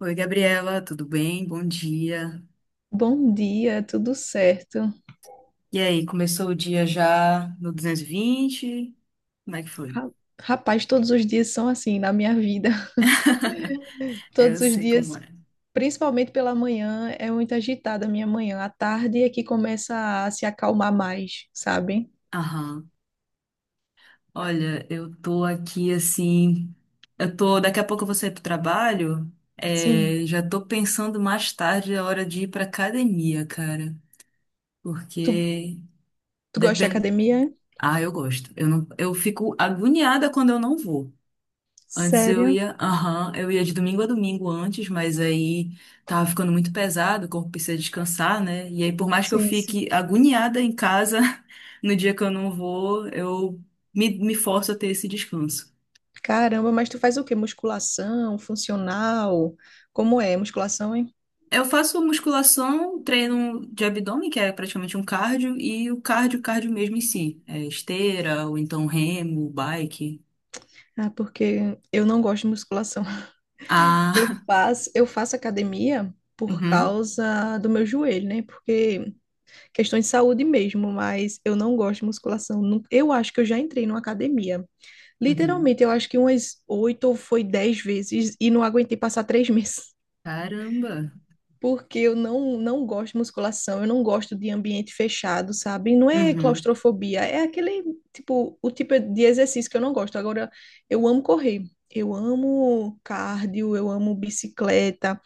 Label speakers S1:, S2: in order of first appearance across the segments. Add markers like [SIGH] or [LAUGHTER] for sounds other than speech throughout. S1: Oi, Gabriela, tudo bem? Bom dia.
S2: Bom dia, tudo certo?
S1: E aí, começou o dia já no 220. Como é que foi?
S2: Ra- Rapaz, todos os dias são assim na minha vida. [LAUGHS]
S1: É, eu
S2: Todos os
S1: sei como
S2: dias,
S1: é.
S2: principalmente pela manhã, é muito agitada a minha manhã. À tarde é que começa a se acalmar mais, sabe?
S1: Aham. Olha, eu tô aqui assim. Eu tô. Daqui a pouco eu vou sair pro trabalho.
S2: Sim.
S1: É, já tô pensando mais tarde a hora de ir pra academia, cara.
S2: Tu,
S1: Porque
S2: tu gosta de
S1: depende.
S2: academia? É?
S1: Ah, eu gosto. Eu não... eu fico agoniada quando eu não vou. Antes eu
S2: Sério?
S1: ia, aham, eu ia de domingo a domingo antes, mas aí tava ficando muito pesado, o corpo precisa descansar, né? E aí, por mais que eu
S2: Sim, sim.
S1: fique agoniada em casa [LAUGHS] no dia que eu não vou, eu me forço a ter esse descanso.
S2: Caramba, mas tu faz o quê? Musculação, funcional? Como é? Musculação, hein?
S1: Eu faço musculação, treino de abdômen, que é praticamente um cardio, e o cardio mesmo em si. É esteira, ou então remo, bike.
S2: Ah, porque eu não gosto de musculação. Eu
S1: Ah,
S2: faço, eu faço academia
S1: [LAUGHS]
S2: por
S1: uhum,
S2: causa do meu joelho, né? Porque questões de saúde mesmo, mas eu não gosto de musculação. Eu acho que eu já entrei numa academia.
S1: uhum.
S2: Literalmente, eu acho que umas oito ou foi 10 vezes e não aguentei passar três [LAUGHS] meses.
S1: Caramba.
S2: Porque eu não gosto de musculação, eu não gosto de ambiente fechado, sabe? Não é
S1: Uhum,
S2: claustrofobia, é aquele tipo, o tipo de exercício que eu não gosto. Agora, eu amo correr, eu amo cardio, eu amo bicicleta,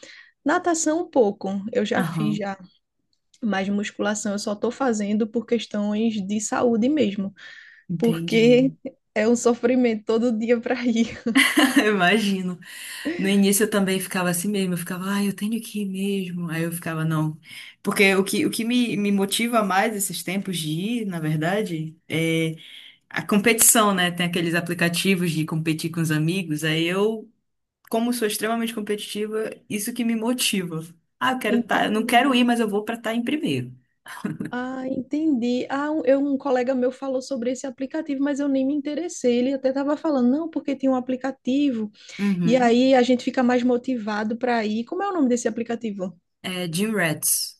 S2: natação um pouco, eu já fiz
S1: aham,
S2: já, mas musculação eu só tô fazendo por questões de saúde mesmo, porque
S1: entendi.
S2: é um sofrimento todo dia para ir. [LAUGHS]
S1: [LAUGHS] Imagino. No início eu também ficava assim mesmo, eu ficava, ah, eu tenho que ir mesmo. Aí eu ficava, não. Porque o que me motiva mais esses tempos de ir, na verdade, é a competição, né? Tem aqueles aplicativos de competir com os amigos. Aí eu, como sou extremamente competitiva, isso que me motiva. Ah, eu quero estar, eu não quero
S2: Entendi.
S1: ir, mas eu vou pra estar em primeiro.
S2: Ah, entendi. Ah, um colega meu falou sobre esse aplicativo, mas eu nem me interessei. Ele até estava falando, não, porque tem um aplicativo, e
S1: Uhum.
S2: aí a gente fica mais motivado para ir. Como é o nome desse aplicativo?
S1: É Gym Rats.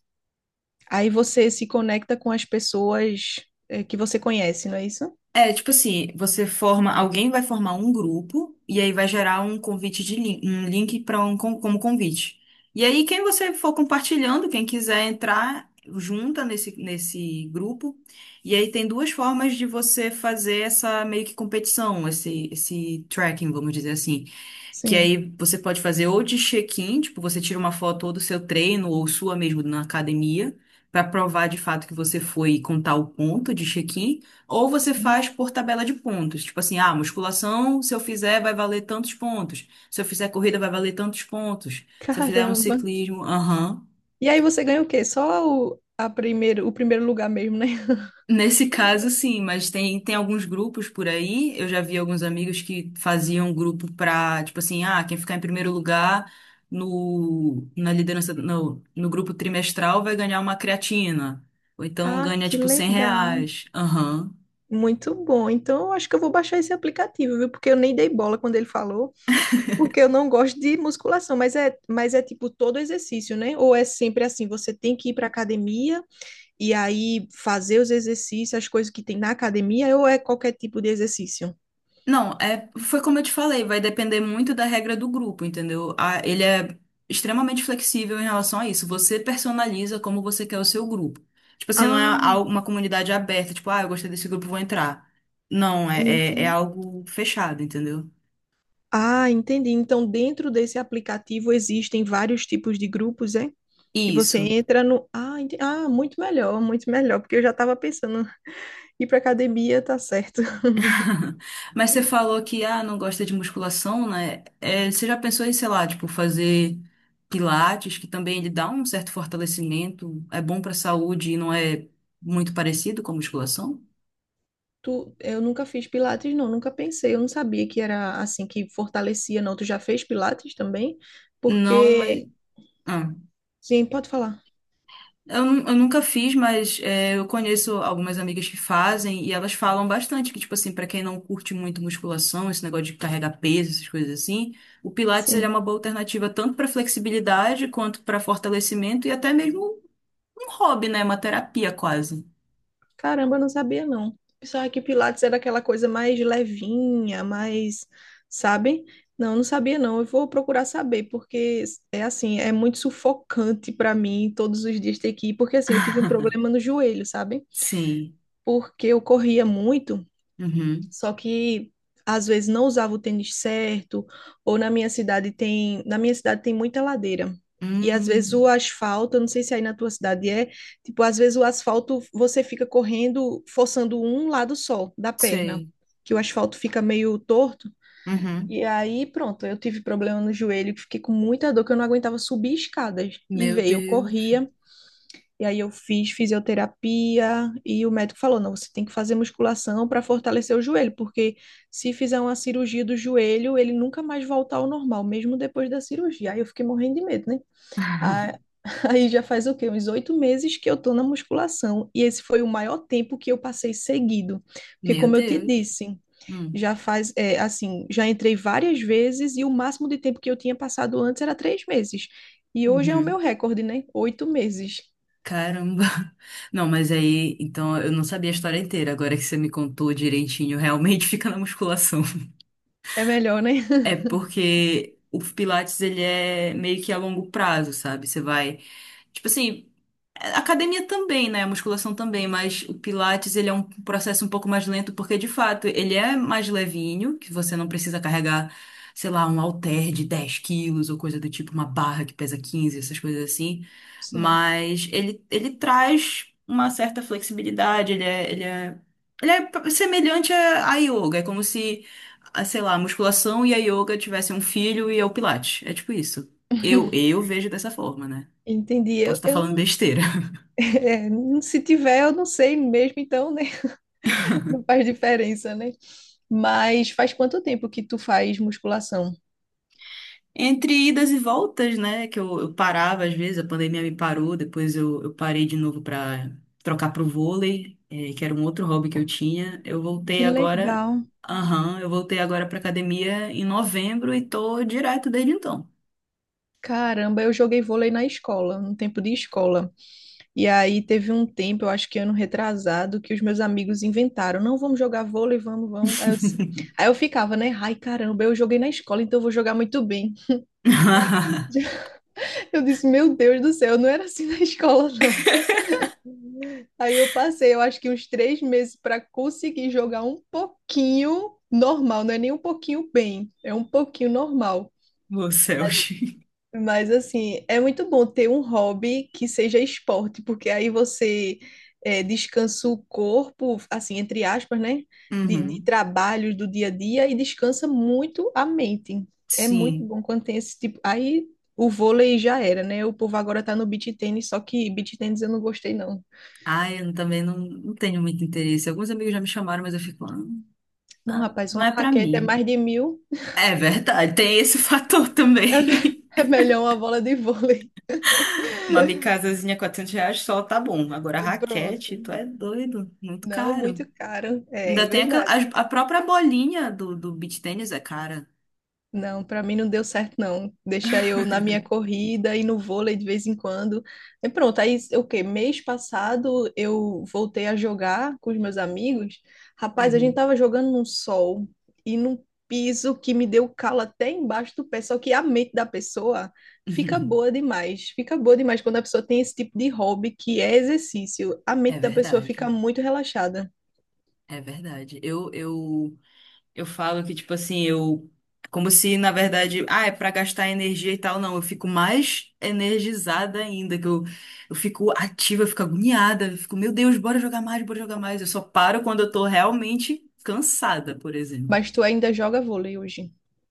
S2: Aí você se conecta com as pessoas, que você conhece, não é isso?
S1: É, tipo assim, você forma, alguém vai formar um grupo e aí vai gerar um convite de link, um link para um con- como convite. E aí quem você for compartilhando, quem quiser entrar, junta nesse grupo. E aí tem duas formas de você fazer essa meio que competição, esse tracking, vamos dizer assim. Que
S2: Sim,
S1: aí você pode fazer ou de check-in, tipo, você tira uma foto ou do seu treino ou sua mesmo na academia, para provar de fato que você foi e contar o ponto de check-in, ou você
S2: sim.
S1: faz por tabela de pontos. Tipo assim, ah, musculação, se eu fizer, vai valer tantos pontos. Se eu fizer corrida, vai valer tantos pontos. Se eu fizer um
S2: Caramba.
S1: ciclismo, aham.
S2: E aí você ganha o quê? Só o, a primeiro, O primeiro lugar mesmo, né? [LAUGHS]
S1: Nesse caso, sim, mas tem alguns grupos por aí. Eu já vi alguns amigos que faziam grupo pra, tipo assim, ah, quem ficar em primeiro lugar no, na liderança, no grupo trimestral vai ganhar uma creatina. Ou então
S2: Ah,
S1: ganha,
S2: que
S1: tipo, 100
S2: legal.
S1: reais. Aham.
S2: Muito bom. Então, eu acho que eu vou baixar esse aplicativo, viu? Porque eu nem dei bola quando ele falou, porque eu não gosto de musculação, mas é, tipo todo exercício, né? Ou é sempre assim, você tem que ir para academia e aí fazer os exercícios, as coisas que tem na academia, ou é qualquer tipo de exercício?
S1: Não, é, foi como eu te falei, vai depender muito da regra do grupo, entendeu? A- ele é extremamente flexível em relação a isso. Você personaliza como você quer o seu grupo. Tipo assim, não é
S2: Ah,
S1: al- uma comunidade aberta, tipo, ah, eu gostei desse grupo, vou entrar. Não, é
S2: entendi.
S1: algo fechado, entendeu?
S2: Ah, entendi. Então, dentro desse aplicativo existem vários tipos de grupos, é? E você
S1: Isso.
S2: entra no. Muito melhor, muito melhor, porque eu já estava pensando, [LAUGHS] ir para academia tá certo. [LAUGHS]
S1: [LAUGHS] Mas você falou que, ah, não gosta de musculação, né? É, você já pensou em, sei lá, tipo, fazer pilates, que também ele dá um certo fortalecimento, é bom pra saúde e não é muito parecido com a musculação?
S2: Eu nunca fiz pilates, não, nunca pensei. Eu não sabia que era assim, que fortalecia, não. Tu já fez pilates também?
S1: Não, mas.
S2: Porque.
S1: Ah.
S2: Sim, pode falar.
S1: Eu nunca fiz, mas é, eu conheço algumas amigas que fazem e elas falam bastante que, tipo assim, pra quem não curte muito musculação, esse negócio de carregar peso, essas coisas assim, o Pilates ele é
S2: Sim.
S1: uma boa alternativa tanto pra flexibilidade quanto pra fortalecimento e até mesmo um hobby, né? Uma terapia quase.
S2: Caramba, eu não sabia não. Pensava que Pilates era aquela coisa mais levinha, mais, sabe? Não, não sabia não. Eu vou procurar saber, porque é assim, é muito sufocante para mim todos os dias ter que ir, porque assim, eu tive um problema
S1: [LAUGHS]
S2: no joelho, sabe?
S1: Sim.
S2: Porque eu corria muito,
S1: Uhum.
S2: só que às vezes não usava o tênis certo, ou na minha cidade tem muita ladeira. E às vezes
S1: Hum,
S2: o asfalto, eu não sei se aí na tua cidade é, tipo, às vezes o asfalto você fica correndo, forçando um lado só da perna,
S1: sei.
S2: que o asfalto fica meio torto.
S1: Uhum.
S2: E aí, pronto, eu tive problema no joelho, que fiquei com muita dor, que eu não aguentava subir escadas. E
S1: Meu
S2: veio, eu
S1: Deus.
S2: corria, e aí eu fiz fisioterapia e o médico falou: não, você tem que fazer musculação para fortalecer o joelho, porque se fizer uma cirurgia do joelho, ele nunca mais volta ao normal, mesmo depois da cirurgia. Aí eu fiquei morrendo de medo, né? Ah.
S1: [LAUGHS]
S2: [LAUGHS] Aí já faz o quê? Uns 8 meses que eu tô na musculação. E esse foi o maior tempo que eu passei seguido. Porque,
S1: Meu
S2: como eu te
S1: Deus.
S2: disse,
S1: Hum.
S2: já faz, é, assim, já entrei várias vezes e o máximo de tempo que eu tinha passado antes era 3 meses. E hoje é o meu
S1: Uhum.
S2: recorde, né? 8 meses.
S1: Caramba. [LAUGHS] Não, mas aí, então eu não sabia a história inteira. Agora que você me contou direitinho, realmente [LAUGHS] fica na musculação.
S2: É melhor, né?
S1: É porque o Pilates ele é meio que a longo prazo, sabe? Você vai, tipo assim, a academia também, né? A musculação também, mas o Pilates ele é um processo um pouco mais lento porque de fato ele é mais levinho, que você não precisa carregar, sei lá, um halter de 10 quilos ou coisa do tipo, uma barra que pesa 15, essas coisas assim.
S2: Sim.
S1: Mas ele traz uma certa flexibilidade, ele é semelhante à yoga, é como se, ah, sei lá, a musculação e a yoga tivessem um filho e é o Pilates. É tipo isso. Eu,
S2: [LAUGHS]
S1: eu vejo dessa forma, né?
S2: Entendi.
S1: Posso
S2: Eu,
S1: estar
S2: eu
S1: falando
S2: não-.
S1: besteira.
S2: [LAUGHS] É, não- se tiver, eu não sei mesmo, então, né? [LAUGHS] Não faz diferença, né? Mas faz quanto tempo que tu faz musculação?
S1: Entre idas e voltas, né? Que eu parava às vezes, a pandemia me parou, depois eu parei de novo para trocar pro vôlei, eh, que era um outro hobby que eu tinha. Eu voltei
S2: Que
S1: agora,
S2: legal.
S1: aham, eu voltei agora para academia em novembro e tô direto desde então.
S2: Caramba, eu joguei vôlei na escola, no tempo de escola. E aí teve um tempo, eu acho que ano retrasado, que os meus amigos inventaram, não, vamos jogar vôlei, vamos, vamos. Aí eu disse, aí eu ficava, né? Ai, caramba, eu joguei na escola, então eu vou jogar muito bem.
S1: [LAUGHS]
S2: [LAUGHS] Eu disse, meu Deus do céu, não era assim na [LAUGHS] escola. Aí eu passei, eu acho que uns 3 meses para conseguir jogar um pouquinho normal, não é nem um pouquinho bem, é um pouquinho normal.
S1: Meu céus.
S2: Mas assim, é muito bom ter um hobby que seja esporte, porque aí você, descansa o corpo, assim, entre aspas, né? De
S1: Uhum,
S2: trabalhos do dia a dia e descansa muito a mente. É muito
S1: sim.
S2: bom quando tem esse tipo. Aí o vôlei já era, né? O povo agora tá no beach tennis, só que beach tennis eu não gostei, não.
S1: Ah, eu também não, não tenho muito interesse. Alguns amigos já me chamaram, mas eu fico, ah,
S2: Não,
S1: ah,
S2: rapaz,
S1: não
S2: uma
S1: é pra
S2: raquete é
S1: mim.
S2: mais de mil.
S1: É verdade, tem esse [LAUGHS] fator também.
S2: É me- [LAUGHS] é melhor uma bola de vôlei.
S1: Uma micasazinha R$ 400 só tá bom. Agora,
S2: Pronto.
S1: raquete, tu é doido. Muito
S2: Não, muito
S1: caro.
S2: caro. É
S1: Ainda tem aquela,
S2: verdade.
S1: a própria bolinha do beach tennis é cara.
S2: Não, pra mim não deu certo, não. Deixar eu na minha corrida e no vôlei de vez em quando. E pronto, aí o quê? Mês passado eu voltei a jogar com os meus amigos. Rapaz, a gente
S1: Uhum.
S2: tava jogando num sol e num piso que me deu calo até embaixo do pé. Só que a mente da pessoa fica boa
S1: [LAUGHS]
S2: demais. Fica boa demais quando a pessoa tem esse tipo de hobby que é exercício. A
S1: É
S2: mente da pessoa
S1: verdade.
S2: fica muito relaxada.
S1: É verdade. Eu falo que, tipo assim, eu. Como se, na verdade, ah, é pra gastar energia e tal. Não, eu fico mais energizada ainda, que eu fico ativa, eu fico agoniada, eu fico, meu Deus, bora jogar mais, bora jogar mais. Eu só paro quando eu tô realmente cansada, por exemplo.
S2: Mas tu ainda joga vôlei hoje?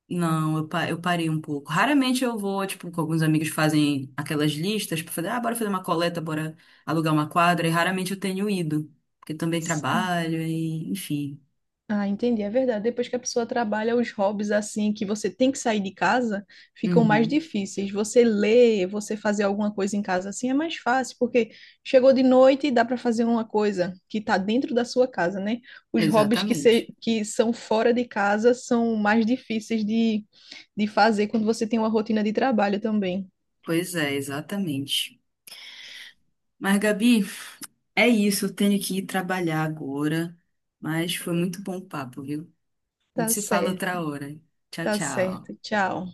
S1: Não, eu parei um pouco. Raramente eu vou, tipo, com alguns amigos que fazem aquelas listas para fazer, ah, bora fazer uma coleta, bora alugar uma quadra, e raramente eu tenho ido, porque também
S2: Sim.
S1: trabalho e, enfim.
S2: Ah, entendi, é verdade. Depois que a pessoa trabalha os hobbies assim, que você tem que sair de casa, ficam mais
S1: Uhum,
S2: difíceis. Você ler, você fazer alguma coisa em casa assim é mais fácil, porque chegou de noite e dá para fazer uma coisa que está dentro da sua casa, né? Os hobbies que, se,
S1: exatamente.
S2: que são fora de casa são mais difíceis de fazer quando você tem uma rotina de trabalho também.
S1: Pois é, exatamente. Mas, Gabi, é isso, eu tenho que ir trabalhar agora, mas foi muito bom o papo, viu? A gente
S2: Tá
S1: se fala outra
S2: certo,
S1: hora. Tchau,
S2: tá certo.
S1: tchau.
S2: Tchau.